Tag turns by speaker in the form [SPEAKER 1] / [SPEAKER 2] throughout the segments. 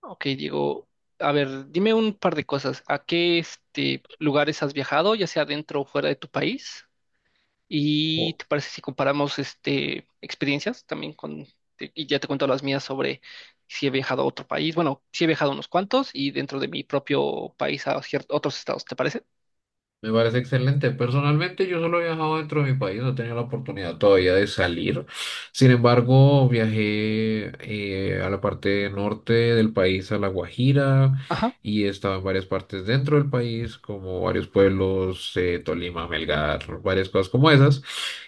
[SPEAKER 1] Ok, Diego, a ver, dime un par de cosas. ¿A qué lugares has viajado, ya sea dentro o fuera de tu país? ¿Y
[SPEAKER 2] Oh,
[SPEAKER 1] te parece si comparamos experiencias también con. Y ya te cuento las mías sobre si he viajado a otro país? Bueno, sí he viajado a unos cuantos y dentro de mi propio país a otros estados, ¿te parece?
[SPEAKER 2] me parece excelente. Personalmente, yo solo he viajado dentro de mi país, no he tenido la oportunidad todavía de salir. Sin embargo, viajé a la parte norte del país, a La Guajira,
[SPEAKER 1] Ajá.
[SPEAKER 2] y he estado en varias partes dentro del país, como varios pueblos, Tolima, Melgar, varias cosas como esas.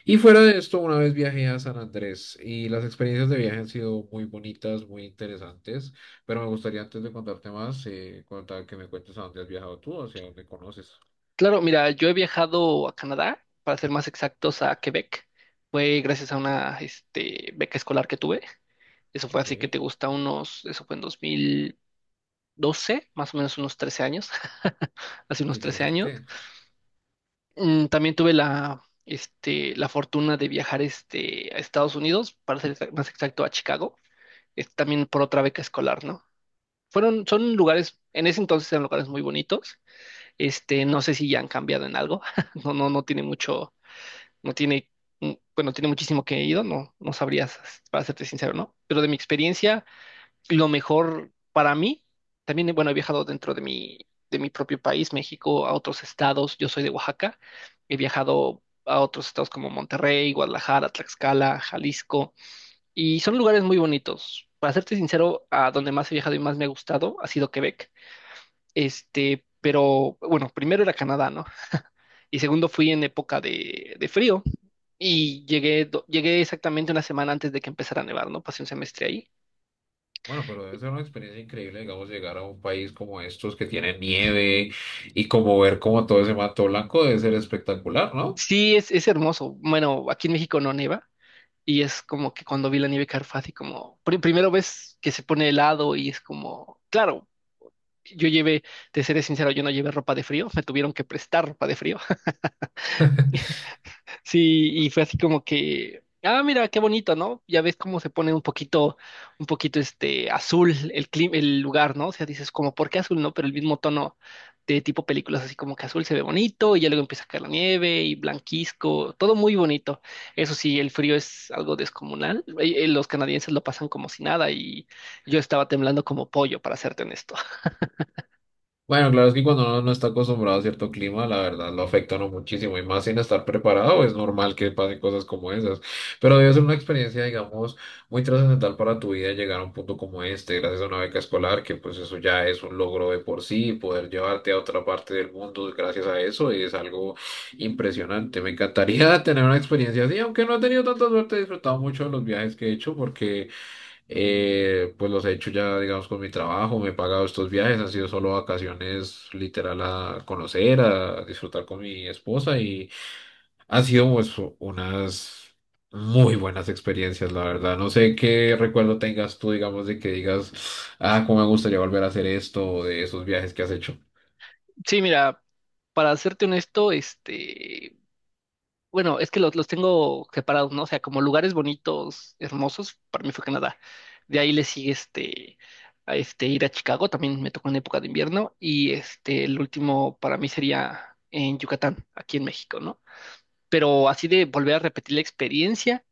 [SPEAKER 2] Y fuera de esto, una vez viajé a San Andrés y las experiencias de viaje han sido muy bonitas, muy interesantes. Pero me gustaría antes de contarte más, contar que me cuentes a dónde has viajado tú, hacia dónde conoces.
[SPEAKER 1] Claro, mira, yo he viajado a Canadá, para ser más exactos, a Quebec. Fue gracias a una beca escolar que tuve. Eso fue
[SPEAKER 2] Ok,
[SPEAKER 1] así que te gusta unos, eso fue en 2000 12, más o menos unos 13 años, hace
[SPEAKER 2] qué
[SPEAKER 1] unos 13 años.
[SPEAKER 2] interesante.
[SPEAKER 1] También tuve la fortuna de viajar a Estados Unidos, para ser más exacto a Chicago, también por otra beca escolar, ¿no? Fueron, son lugares, en ese entonces eran lugares muy bonitos. No sé si ya han cambiado en algo. No, no, no tiene mucho, no tiene, bueno, tiene muchísimo que he ido, no, no sabrías, para serte sincero, ¿no? Pero de mi experiencia, lo mejor para mí, también, bueno, he viajado dentro de de mi propio país, México, a otros estados. Yo soy de Oaxaca. He viajado a otros estados como Monterrey, Guadalajara, Tlaxcala, Jalisco. Y son lugares muy bonitos. Para serte sincero, a donde más he viajado y más me ha gustado ha sido Quebec. Pero bueno, primero era Canadá, ¿no? Y segundo fui en época de frío y llegué, llegué exactamente una semana antes de que empezara a nevar, ¿no? Pasé un semestre ahí.
[SPEAKER 2] Bueno, pero debe ser una experiencia increíble, digamos, llegar a un país como estos que tiene nieve y como ver como todo ese mato blanco debe ser espectacular, ¿no?
[SPEAKER 1] Sí, es hermoso. Bueno, aquí en México no neva y es como que cuando vi la nieve caer fue así como, primero ves que se pone helado y es como, claro, yo llevé, te seré sincero, yo no llevé ropa de frío, me tuvieron que prestar ropa de frío. Sí, y fue así como que, ah, mira, qué bonito, ¿no? Ya ves cómo se pone un poquito este azul el clima, el lugar, ¿no? O sea, dices como, ¿por qué azul, no? Pero el mismo tono de tipo películas, así como que azul se ve bonito, y ya luego empieza a caer la nieve y blanquisco, todo muy bonito. Eso sí, el frío es algo descomunal. Los canadienses lo pasan como si nada, y yo estaba temblando como pollo, para serte honesto.
[SPEAKER 2] Bueno, claro, es que cuando uno no está acostumbrado a cierto clima, la verdad lo afecta a uno muchísimo y más sin estar preparado, es normal que pasen cosas como esas. Pero debe ser una experiencia, digamos, muy trascendental para tu vida llegar a un punto como este, gracias a una beca escolar, que pues eso ya es un logro de por sí, poder llevarte a otra parte del mundo gracias a eso es algo impresionante. Me encantaría tener una experiencia así, aunque no he tenido tanta suerte, he disfrutado mucho de los viajes que he hecho porque... Pues los he hecho ya, digamos, con mi trabajo, me he pagado estos viajes, han sido solo vacaciones literal a conocer, a disfrutar con mi esposa y han sido pues unas muy buenas experiencias, la verdad. No sé qué recuerdo tengas tú, digamos, de que digas, ah, cómo me gustaría volver a hacer esto o de esos viajes que has hecho.
[SPEAKER 1] Sí, mira, para serte honesto. Bueno, es que los tengo separados, ¿no? O sea, como lugares bonitos, hermosos, para mí fue Canadá. De ahí le sigue a este ir a Chicago, también me tocó en época de invierno. Y el último para mí sería en Yucatán, aquí en México, ¿no? Pero así de volver a repetir la experiencia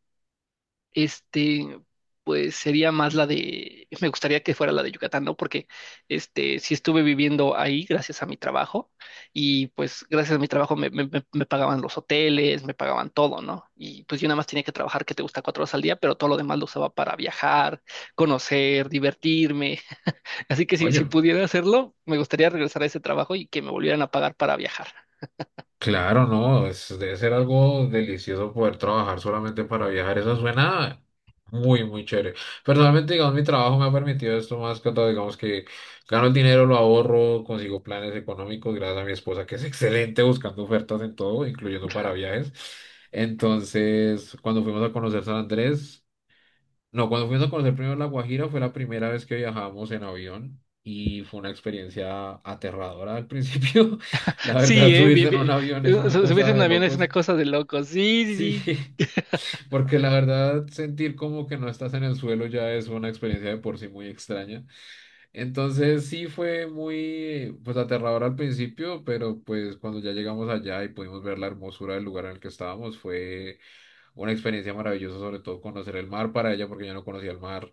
[SPEAKER 1] este, pues sería más la de, me gustaría que fuera la de Yucatán, ¿no? Porque, sí estuve viviendo ahí gracias a mi trabajo y pues gracias a mi trabajo me pagaban los hoteles, me pagaban todo, ¿no? Y pues yo nada más tenía que trabajar, que te gusta 4 horas al día, pero todo lo demás lo usaba para viajar, conocer, divertirme. Así que si, si
[SPEAKER 2] Oye.
[SPEAKER 1] pudiera hacerlo, me gustaría regresar a ese trabajo y que me volvieran a pagar para viajar.
[SPEAKER 2] Claro, no, debe ser algo delicioso poder trabajar solamente para viajar. Eso suena muy, muy chévere. Personalmente, digamos, mi trabajo me ha permitido esto más que todo. Digamos que gano el dinero, lo ahorro, consigo planes económicos gracias a mi esposa, que es excelente buscando ofertas en todo, incluyendo para viajes. Entonces, cuando fuimos a conocer San Andrés, no, cuando fuimos a conocer primero La Guajira fue la primera vez que viajamos en avión y fue una experiencia aterradora al principio. La
[SPEAKER 1] Sí,
[SPEAKER 2] verdad,
[SPEAKER 1] bien,
[SPEAKER 2] subirse en un
[SPEAKER 1] bien.
[SPEAKER 2] avión es una
[SPEAKER 1] Subirse
[SPEAKER 2] cosa
[SPEAKER 1] en un
[SPEAKER 2] de
[SPEAKER 1] avión es una
[SPEAKER 2] locos.
[SPEAKER 1] cosa de locos. Sí, sí,
[SPEAKER 2] Sí,
[SPEAKER 1] sí.
[SPEAKER 2] porque la verdad sentir como que no estás en el suelo ya es una experiencia de por sí muy extraña. Entonces sí fue muy pues aterrador al principio, pero pues cuando ya llegamos allá y pudimos ver la hermosura del lugar en el que estábamos fue una experiencia maravillosa, sobre todo conocer el mar para ella, porque yo no conocía el mar.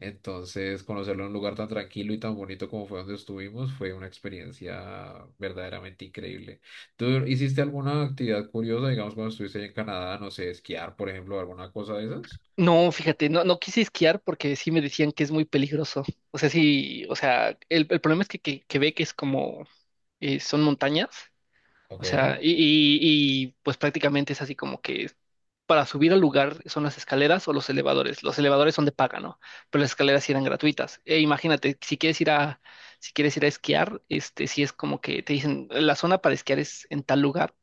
[SPEAKER 2] Entonces, conocerlo en un lugar tan tranquilo y tan bonito como fue donde estuvimos fue una experiencia verdaderamente increíble. ¿Tú hiciste alguna actividad curiosa, digamos, cuando estuviste ahí en Canadá, no sé, esquiar, por ejemplo, alguna cosa de esas?
[SPEAKER 1] No, fíjate, no, no quise esquiar porque sí me decían que es muy peligroso. O sea, sí, o sea, el problema es que ve que es como, son montañas, o
[SPEAKER 2] Ok.
[SPEAKER 1] sea, y pues prácticamente es así como que para subir al lugar son las escaleras o los elevadores. Los elevadores son de paga, ¿no? Pero las escaleras sí eran gratuitas. E imagínate, si quieres ir a esquiar, sí es como que te dicen, la zona para esquiar es en tal lugar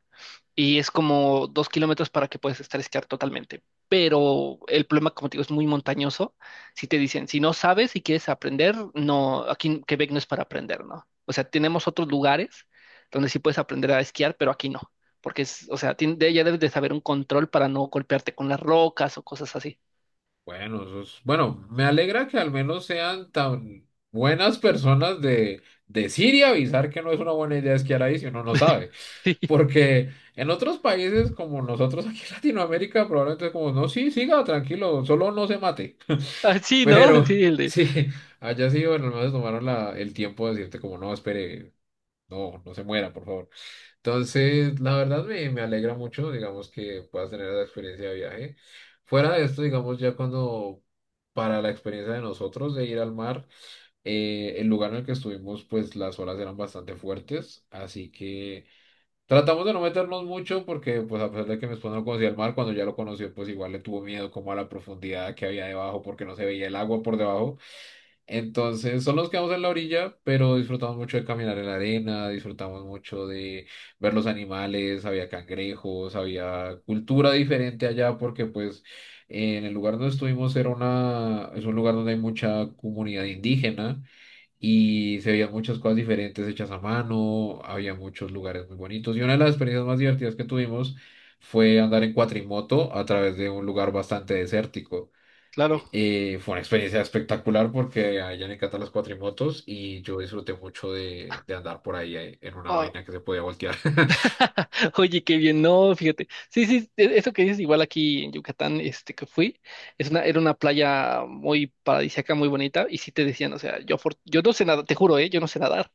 [SPEAKER 1] y es como 2 kilómetros para que puedas estar esquiar totalmente. Pero el problema, como te digo, es muy montañoso. Si te dicen, si no sabes y quieres aprender, no, aquí en Quebec no es para aprender, ¿no? O sea, tenemos otros lugares donde sí puedes aprender a esquiar, pero aquí no. Porque es, o sea, ya debes de saber un control para no golpearte con las rocas o cosas así.
[SPEAKER 2] Bueno, bueno, me alegra que al menos sean tan buenas personas de decir y avisar que no es una buena idea esquiar ahí si uno no sabe.
[SPEAKER 1] Sí,
[SPEAKER 2] Porque en otros países como nosotros aquí en Latinoamérica probablemente es como, no, sí, siga tranquilo, solo no se mate.
[SPEAKER 1] ah, sí, ¿no?
[SPEAKER 2] Pero
[SPEAKER 1] Sí, el de,
[SPEAKER 2] sí, allá sí, bueno, al menos tomaron el tiempo de decirte como, no, espere, no, no se muera, por favor. Entonces, la verdad me alegra mucho, digamos, que puedas tener esa experiencia de viaje. Fuera de esto, digamos, ya cuando para la experiencia de nosotros de ir al mar, el lugar en el que estuvimos, pues las olas eran bastante fuertes, así que... Tratamos de no meternos mucho porque, pues, a pesar de que mi esposa no conocía el mar, cuando ya lo conoció, pues igual le tuvo miedo como a la profundidad que había debajo porque no se veía el agua por debajo. Entonces, solo nos quedamos en la orilla, pero disfrutamos mucho de caminar en la arena, disfrutamos mucho de ver los animales, había cangrejos, había cultura diferente allá porque, pues, en el lugar donde estuvimos era es un lugar donde hay mucha comunidad indígena y se veían muchas cosas diferentes hechas a mano, había muchos lugares muy bonitos y una de las experiencias más divertidas que tuvimos fue andar en cuatrimoto a través de un lugar bastante desértico.
[SPEAKER 1] claro.
[SPEAKER 2] Eh, fue una experiencia espectacular porque a ella le encantan las cuatrimotos y yo disfruté mucho de andar por ahí en una
[SPEAKER 1] Ah,
[SPEAKER 2] vaina que se podía voltear.
[SPEAKER 1] oye, qué bien, no, fíjate. Sí, sí, eso que dices, igual aquí en Yucatán, este que fui, es una, era una playa muy paradisíaca, muy bonita, y sí te decían, o sea, yo, yo no sé nada, te juro, ¿eh? Yo no sé nadar,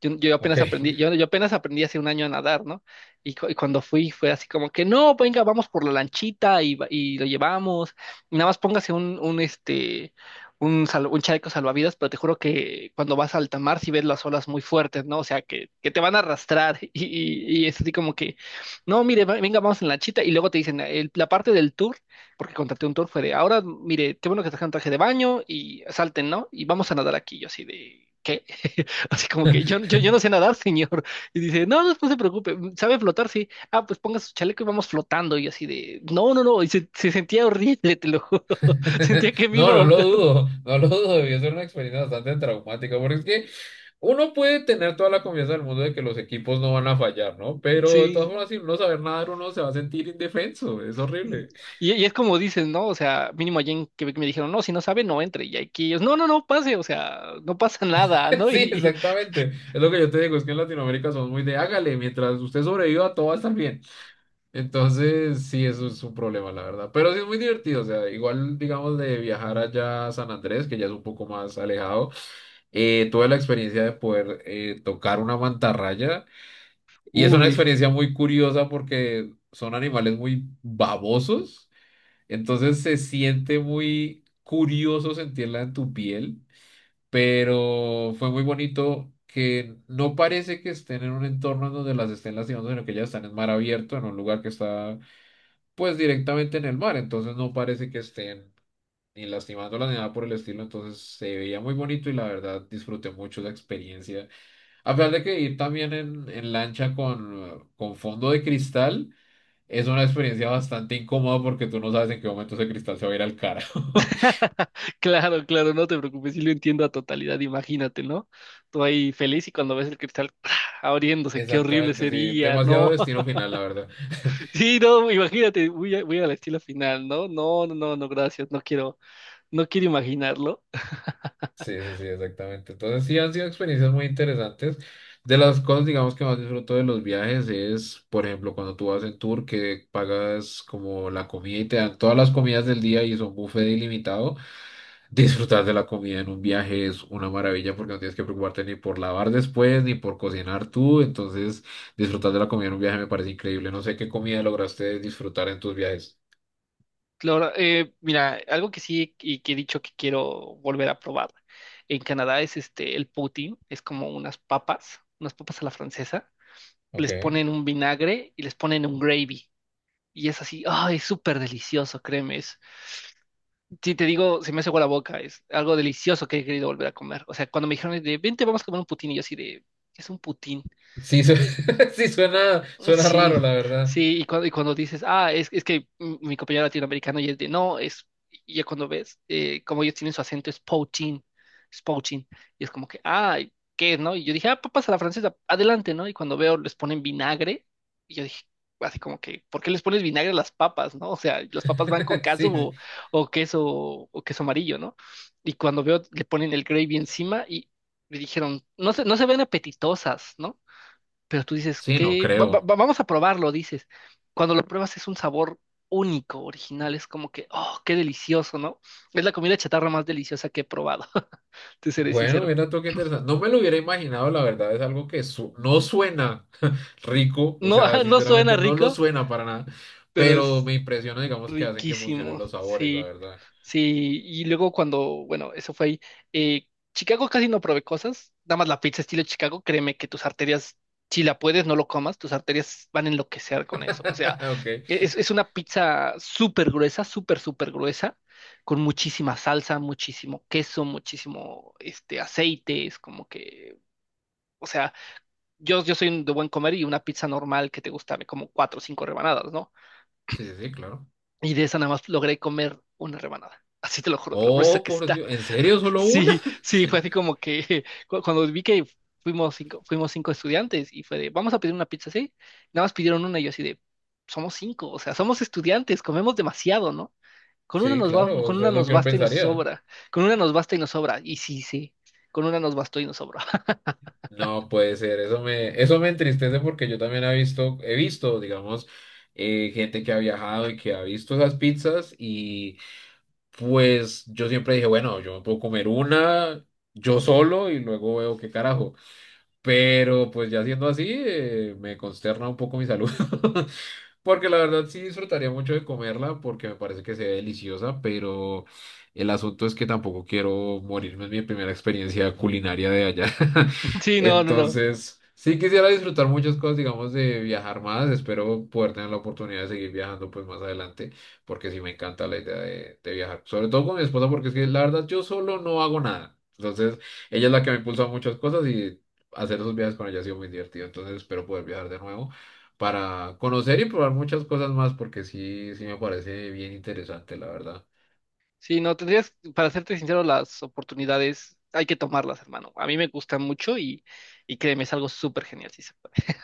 [SPEAKER 1] yo, yo
[SPEAKER 2] Ok.
[SPEAKER 1] apenas aprendí, yo, yo apenas aprendí hace un año a nadar, ¿no? Y, y cuando fui fue así como que, no, venga, vamos por la lanchita y lo llevamos, y nada más póngase un chaleco salvavidas, pero te juro que cuando vas a alta mar sí ves las olas muy fuertes, ¿no? O sea, que te van a arrastrar y es así como que, no, mire, venga, vamos en la lanchita y luego te dicen, "El- la parte del tour, porque contraté un tour, fue de, ahora, mire, qué bueno que trajeron traje de baño y salten, ¿no? Y vamos a nadar aquí, yo así de... ¿Qué? Así como que yo no sé nadar, señor. Y dice, no, no, no se preocupe, sabe flotar, sí. Ah, pues ponga su chaleco y vamos flotando. Y así de, no, no, no. Y se sentía horrible, te lo juro. Sentía que me
[SPEAKER 2] No,
[SPEAKER 1] iba a
[SPEAKER 2] no lo
[SPEAKER 1] ahogar.
[SPEAKER 2] dudo, no lo dudo, debió ser una experiencia bastante traumática, porque es que uno puede tener toda la confianza del mundo de que los equipos no van a fallar, ¿no? Pero de todas
[SPEAKER 1] Sí.
[SPEAKER 2] formas, sin no saber nadar, uno se va a sentir indefenso, es
[SPEAKER 1] Y,
[SPEAKER 2] horrible.
[SPEAKER 1] y es como dicen, ¿no? O sea, mínimo allí en Quebec me dijeron, no, si no sabe, no entre. Y aquí ellos, no, no, no, pase, o sea, no pasa nada, ¿no?
[SPEAKER 2] Sí, exactamente, es lo que yo te digo, es que en Latinoamérica somos muy de hágale, mientras usted sobreviva, todo va a estar bien. Entonces, sí, eso es un problema, la verdad. Pero sí es muy divertido, o sea, igual, digamos, de viajar allá a San Andrés, que ya es un poco más alejado, tuve la experiencia de poder tocar una mantarraya y es una
[SPEAKER 1] Uy.
[SPEAKER 2] experiencia muy curiosa porque son animales muy babosos, entonces se siente muy curioso sentirla en tu piel, pero fue muy bonito. Que no parece que estén en un entorno en donde las estén lastimando, sino que ellas están en mar abierto, en un lugar que está pues directamente en el mar, entonces no parece que estén ni lastimándola ni nada por el estilo, entonces se veía muy bonito y la verdad disfruté mucho la experiencia. A pesar de que ir también en, lancha con fondo de cristal es una experiencia bastante incómoda porque tú no sabes en qué momento ese cristal se va a ir al cara.
[SPEAKER 1] Claro, claro, no te preocupes, sí lo entiendo a totalidad, imagínate, ¿no? Tú ahí feliz y cuando ves el cristal, ¡ah!, abriéndose, qué horrible
[SPEAKER 2] Exactamente, sí,
[SPEAKER 1] sería,
[SPEAKER 2] demasiado
[SPEAKER 1] no.
[SPEAKER 2] destino final, la verdad.
[SPEAKER 1] Sí, no, imagínate, voy a la estilo final, ¿no? No, no, no, no, gracias, no quiero, no quiero imaginarlo.
[SPEAKER 2] Sí, sí, sí, exactamente. Entonces sí han sido experiencias muy interesantes. De las cosas, digamos, que más disfruto de los viajes es, por ejemplo, cuando tú vas en tour que pagas como la comida y te dan todas las comidas del día y son buffet ilimitado. Disfrutar de la comida en un viaje es una maravilla porque no tienes que preocuparte ni por lavar después ni por cocinar tú. Entonces, disfrutar de la comida en un viaje me parece increíble. No sé qué comida lograste disfrutar en tus viajes.
[SPEAKER 1] Claro, mira, algo que sí y que he dicho que quiero volver a probar en Canadá es el poutine, es como unas papas a la francesa, les
[SPEAKER 2] Ok.
[SPEAKER 1] ponen un vinagre y les ponen un gravy. Y es así, ay, es súper delicioso, créeme. Es, si te digo, se me hace agua la boca, es algo delicioso que he querido volver a comer. O sea, cuando me dijeron de, vente, vamos a comer un poutine, y yo así de, ¿qué es un poutine?
[SPEAKER 2] Sí, sí suena, suena
[SPEAKER 1] Sí,
[SPEAKER 2] raro, la verdad.
[SPEAKER 1] sí, y cuando dices, ah, es que mi compañero latinoamericano y es de, no, es, y ya cuando ves, como ellos tienen su acento, es poaching, y es como que, ah, ¿qué es, no? Y yo dije, ah, papas a la francesa, adelante, ¿no? Y cuando veo, les ponen vinagre, y yo dije, así como que, ¿por qué les pones vinagre a las papas, no? O sea, las papas van con queso
[SPEAKER 2] Sí, sí.
[SPEAKER 1] o queso, o queso amarillo, ¿no? Y cuando veo, le ponen el gravy encima y me dijeron, no se, no se ven apetitosas, ¿no? Pero tú dices,
[SPEAKER 2] Sí, no
[SPEAKER 1] ¿qué?
[SPEAKER 2] creo.
[SPEAKER 1] Vamos a probarlo, dices. Cuando lo pruebas es un sabor único, original, es como que, oh, qué delicioso, ¿no? Es la comida chatarra más deliciosa que he probado, te seré
[SPEAKER 2] Bueno,
[SPEAKER 1] sincero.
[SPEAKER 2] mira tú qué interesante. No me lo hubiera imaginado, la verdad, es algo que no suena rico, o
[SPEAKER 1] No,
[SPEAKER 2] sea,
[SPEAKER 1] no suena
[SPEAKER 2] sinceramente no lo
[SPEAKER 1] rico,
[SPEAKER 2] suena para nada,
[SPEAKER 1] pero
[SPEAKER 2] pero
[SPEAKER 1] es
[SPEAKER 2] me impresiona, digamos, que hacen que funcionen
[SPEAKER 1] riquísimo,
[SPEAKER 2] los sabores, la
[SPEAKER 1] sí,
[SPEAKER 2] verdad.
[SPEAKER 1] sí. Y luego cuando, bueno, eso fue ahí. eh, Chicago casi no probé cosas, nada más la pizza estilo Chicago, créeme que tus arterias, si la puedes, no lo comas, tus arterias van a enloquecer con eso. O sea,
[SPEAKER 2] Ok,
[SPEAKER 1] es una pizza súper gruesa, súper, súper gruesa, con muchísima salsa, muchísimo queso, muchísimo aceite, es como que, o sea, yo soy de buen comer y una pizza normal que te gusta, me como cuatro o cinco rebanadas, ¿no?
[SPEAKER 2] sí, sí, sí, claro.
[SPEAKER 1] Y de esa nada más logré comer una rebanada. Así te lo juro, de lo gruesa
[SPEAKER 2] Oh,
[SPEAKER 1] que
[SPEAKER 2] por
[SPEAKER 1] está.
[SPEAKER 2] Dios, ¿en serio solo una?
[SPEAKER 1] Sí, sí, fue así como que cuando vi que fuimos cinco estudiantes y fue de, vamos a pedir una pizza, ¿sí? Nada más pidieron una y yo así de, somos cinco, o sea, somos estudiantes, comemos demasiado, ¿no? Con una
[SPEAKER 2] Sí,
[SPEAKER 1] nos va,
[SPEAKER 2] claro,
[SPEAKER 1] con
[SPEAKER 2] eso
[SPEAKER 1] una
[SPEAKER 2] es lo
[SPEAKER 1] nos
[SPEAKER 2] que uno
[SPEAKER 1] basta y nos
[SPEAKER 2] pensaría.
[SPEAKER 1] sobra. Con una nos basta y nos sobra. Y sí, sí, con una nos bastó y nos sobra.
[SPEAKER 2] No puede ser, eso me, entristece porque yo también he visto, digamos, gente que ha viajado y que ha visto esas pizzas. Pues yo siempre dije, bueno, yo me puedo comer una yo solo y luego veo qué carajo. Pero pues ya siendo así, me consterna un poco mi salud. Porque la verdad sí disfrutaría mucho de comerla porque me parece que se ve deliciosa, pero el asunto es que tampoco quiero morirme en mi primera experiencia culinaria de allá.
[SPEAKER 1] Sí, no, no, no.
[SPEAKER 2] Entonces, sí quisiera disfrutar muchas cosas, digamos, de viajar más. Espero poder tener la oportunidad de seguir viajando pues más adelante, porque sí me encanta la idea de viajar. Sobre todo con mi esposa, porque es que la verdad yo solo no hago nada. Entonces, ella es la que me impulsa a muchas cosas y hacer esos viajes con ella ha sido muy divertido. Entonces, espero poder viajar de nuevo para conocer y probar muchas cosas más, porque sí, sí me parece bien interesante, la verdad.
[SPEAKER 1] Sí, no, tendrías, para serte sincero, las oportunidades hay que tomarlas, hermano. A mí me gusta mucho y créeme, es algo súper genial, si se puede.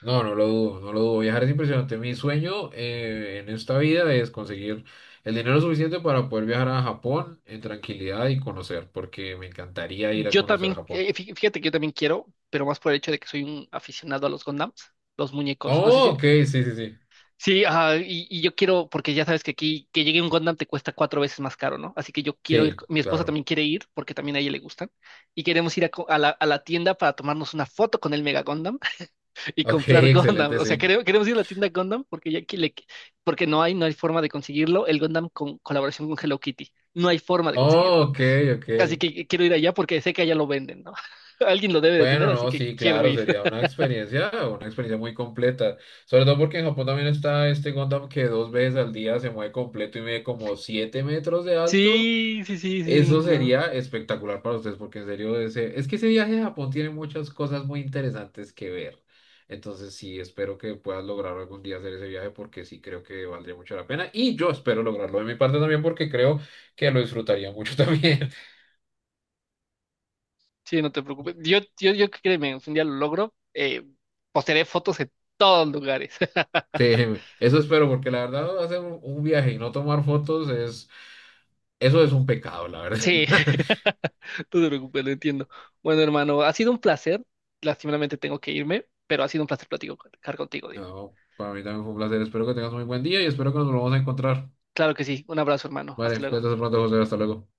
[SPEAKER 2] No, no lo dudo, no lo dudo. Viajar es impresionante. Mi sueño en esta vida es conseguir el dinero suficiente para poder viajar a Japón en tranquilidad y conocer, porque me encantaría ir a
[SPEAKER 1] Yo
[SPEAKER 2] conocer
[SPEAKER 1] también,
[SPEAKER 2] Japón.
[SPEAKER 1] fíjate que yo también quiero, pero más por el hecho de que soy un aficionado a los Gondams, los muñecos. No sé
[SPEAKER 2] Oh,
[SPEAKER 1] si,
[SPEAKER 2] ok, sí, sí, sí.
[SPEAKER 1] sí, ajá, y yo quiero, porque ya sabes que aquí, que llegue un Gundam te cuesta cuatro veces más caro, ¿no? Así que yo quiero ir,
[SPEAKER 2] Sí,
[SPEAKER 1] mi esposa
[SPEAKER 2] claro.
[SPEAKER 1] también quiere ir, porque también a ella le gustan, y queremos ir a la tienda para tomarnos una foto con el Mega Gundam, y
[SPEAKER 2] Ok,
[SPEAKER 1] comprar Gundam.
[SPEAKER 2] excelente,
[SPEAKER 1] O sea,
[SPEAKER 2] sí.
[SPEAKER 1] queremos ir a la tienda Gundam porque ya que le- porque no hay, no hay forma de conseguirlo. El Gundam con colaboración con Hello Kitty. No hay forma de
[SPEAKER 2] Oh,
[SPEAKER 1] conseguirlo.
[SPEAKER 2] ok, ok.
[SPEAKER 1] Así que quiero ir allá porque sé que allá lo venden, ¿no? Alguien lo debe de
[SPEAKER 2] Bueno,
[SPEAKER 1] tener, así
[SPEAKER 2] no,
[SPEAKER 1] que
[SPEAKER 2] sí,
[SPEAKER 1] quiero
[SPEAKER 2] claro,
[SPEAKER 1] ir.
[SPEAKER 2] sería una experiencia muy completa. Sobre todo porque en Japón también está este Gundam que dos veces al día se mueve completo y mide como 7 metros de alto.
[SPEAKER 1] Sí, sí, sí, sí,
[SPEAKER 2] Eso
[SPEAKER 1] no.
[SPEAKER 2] sería espectacular para ustedes, porque en serio, ese, es que ese viaje a Japón tiene muchas cosas muy interesantes que ver. Entonces, sí, espero que puedas lograr algún día hacer ese viaje, porque sí creo que valdría mucho la pena. Y yo espero lograrlo de mi parte también, porque creo que lo disfrutaría mucho también.
[SPEAKER 1] Sí, no te preocupes. Yo créeme, si un día lo logro. Postearé fotos en todos lugares.
[SPEAKER 2] Sí, eso espero, porque la verdad hacer un viaje y no tomar fotos es, eso es un pecado, la
[SPEAKER 1] Sí,
[SPEAKER 2] verdad.
[SPEAKER 1] no te preocupes, lo entiendo. Bueno, hermano, ha sido un placer. Lastimeramente tengo que irme, pero ha sido un placer platicar contigo, Diego.
[SPEAKER 2] No, para mí también fue un placer. Espero que tengas un muy buen día y espero que nos volvamos a encontrar.
[SPEAKER 1] Claro que sí. Un abrazo, hermano. Hasta
[SPEAKER 2] Vale,
[SPEAKER 1] luego.
[SPEAKER 2] cuídate hasta pronto, José. Hasta luego.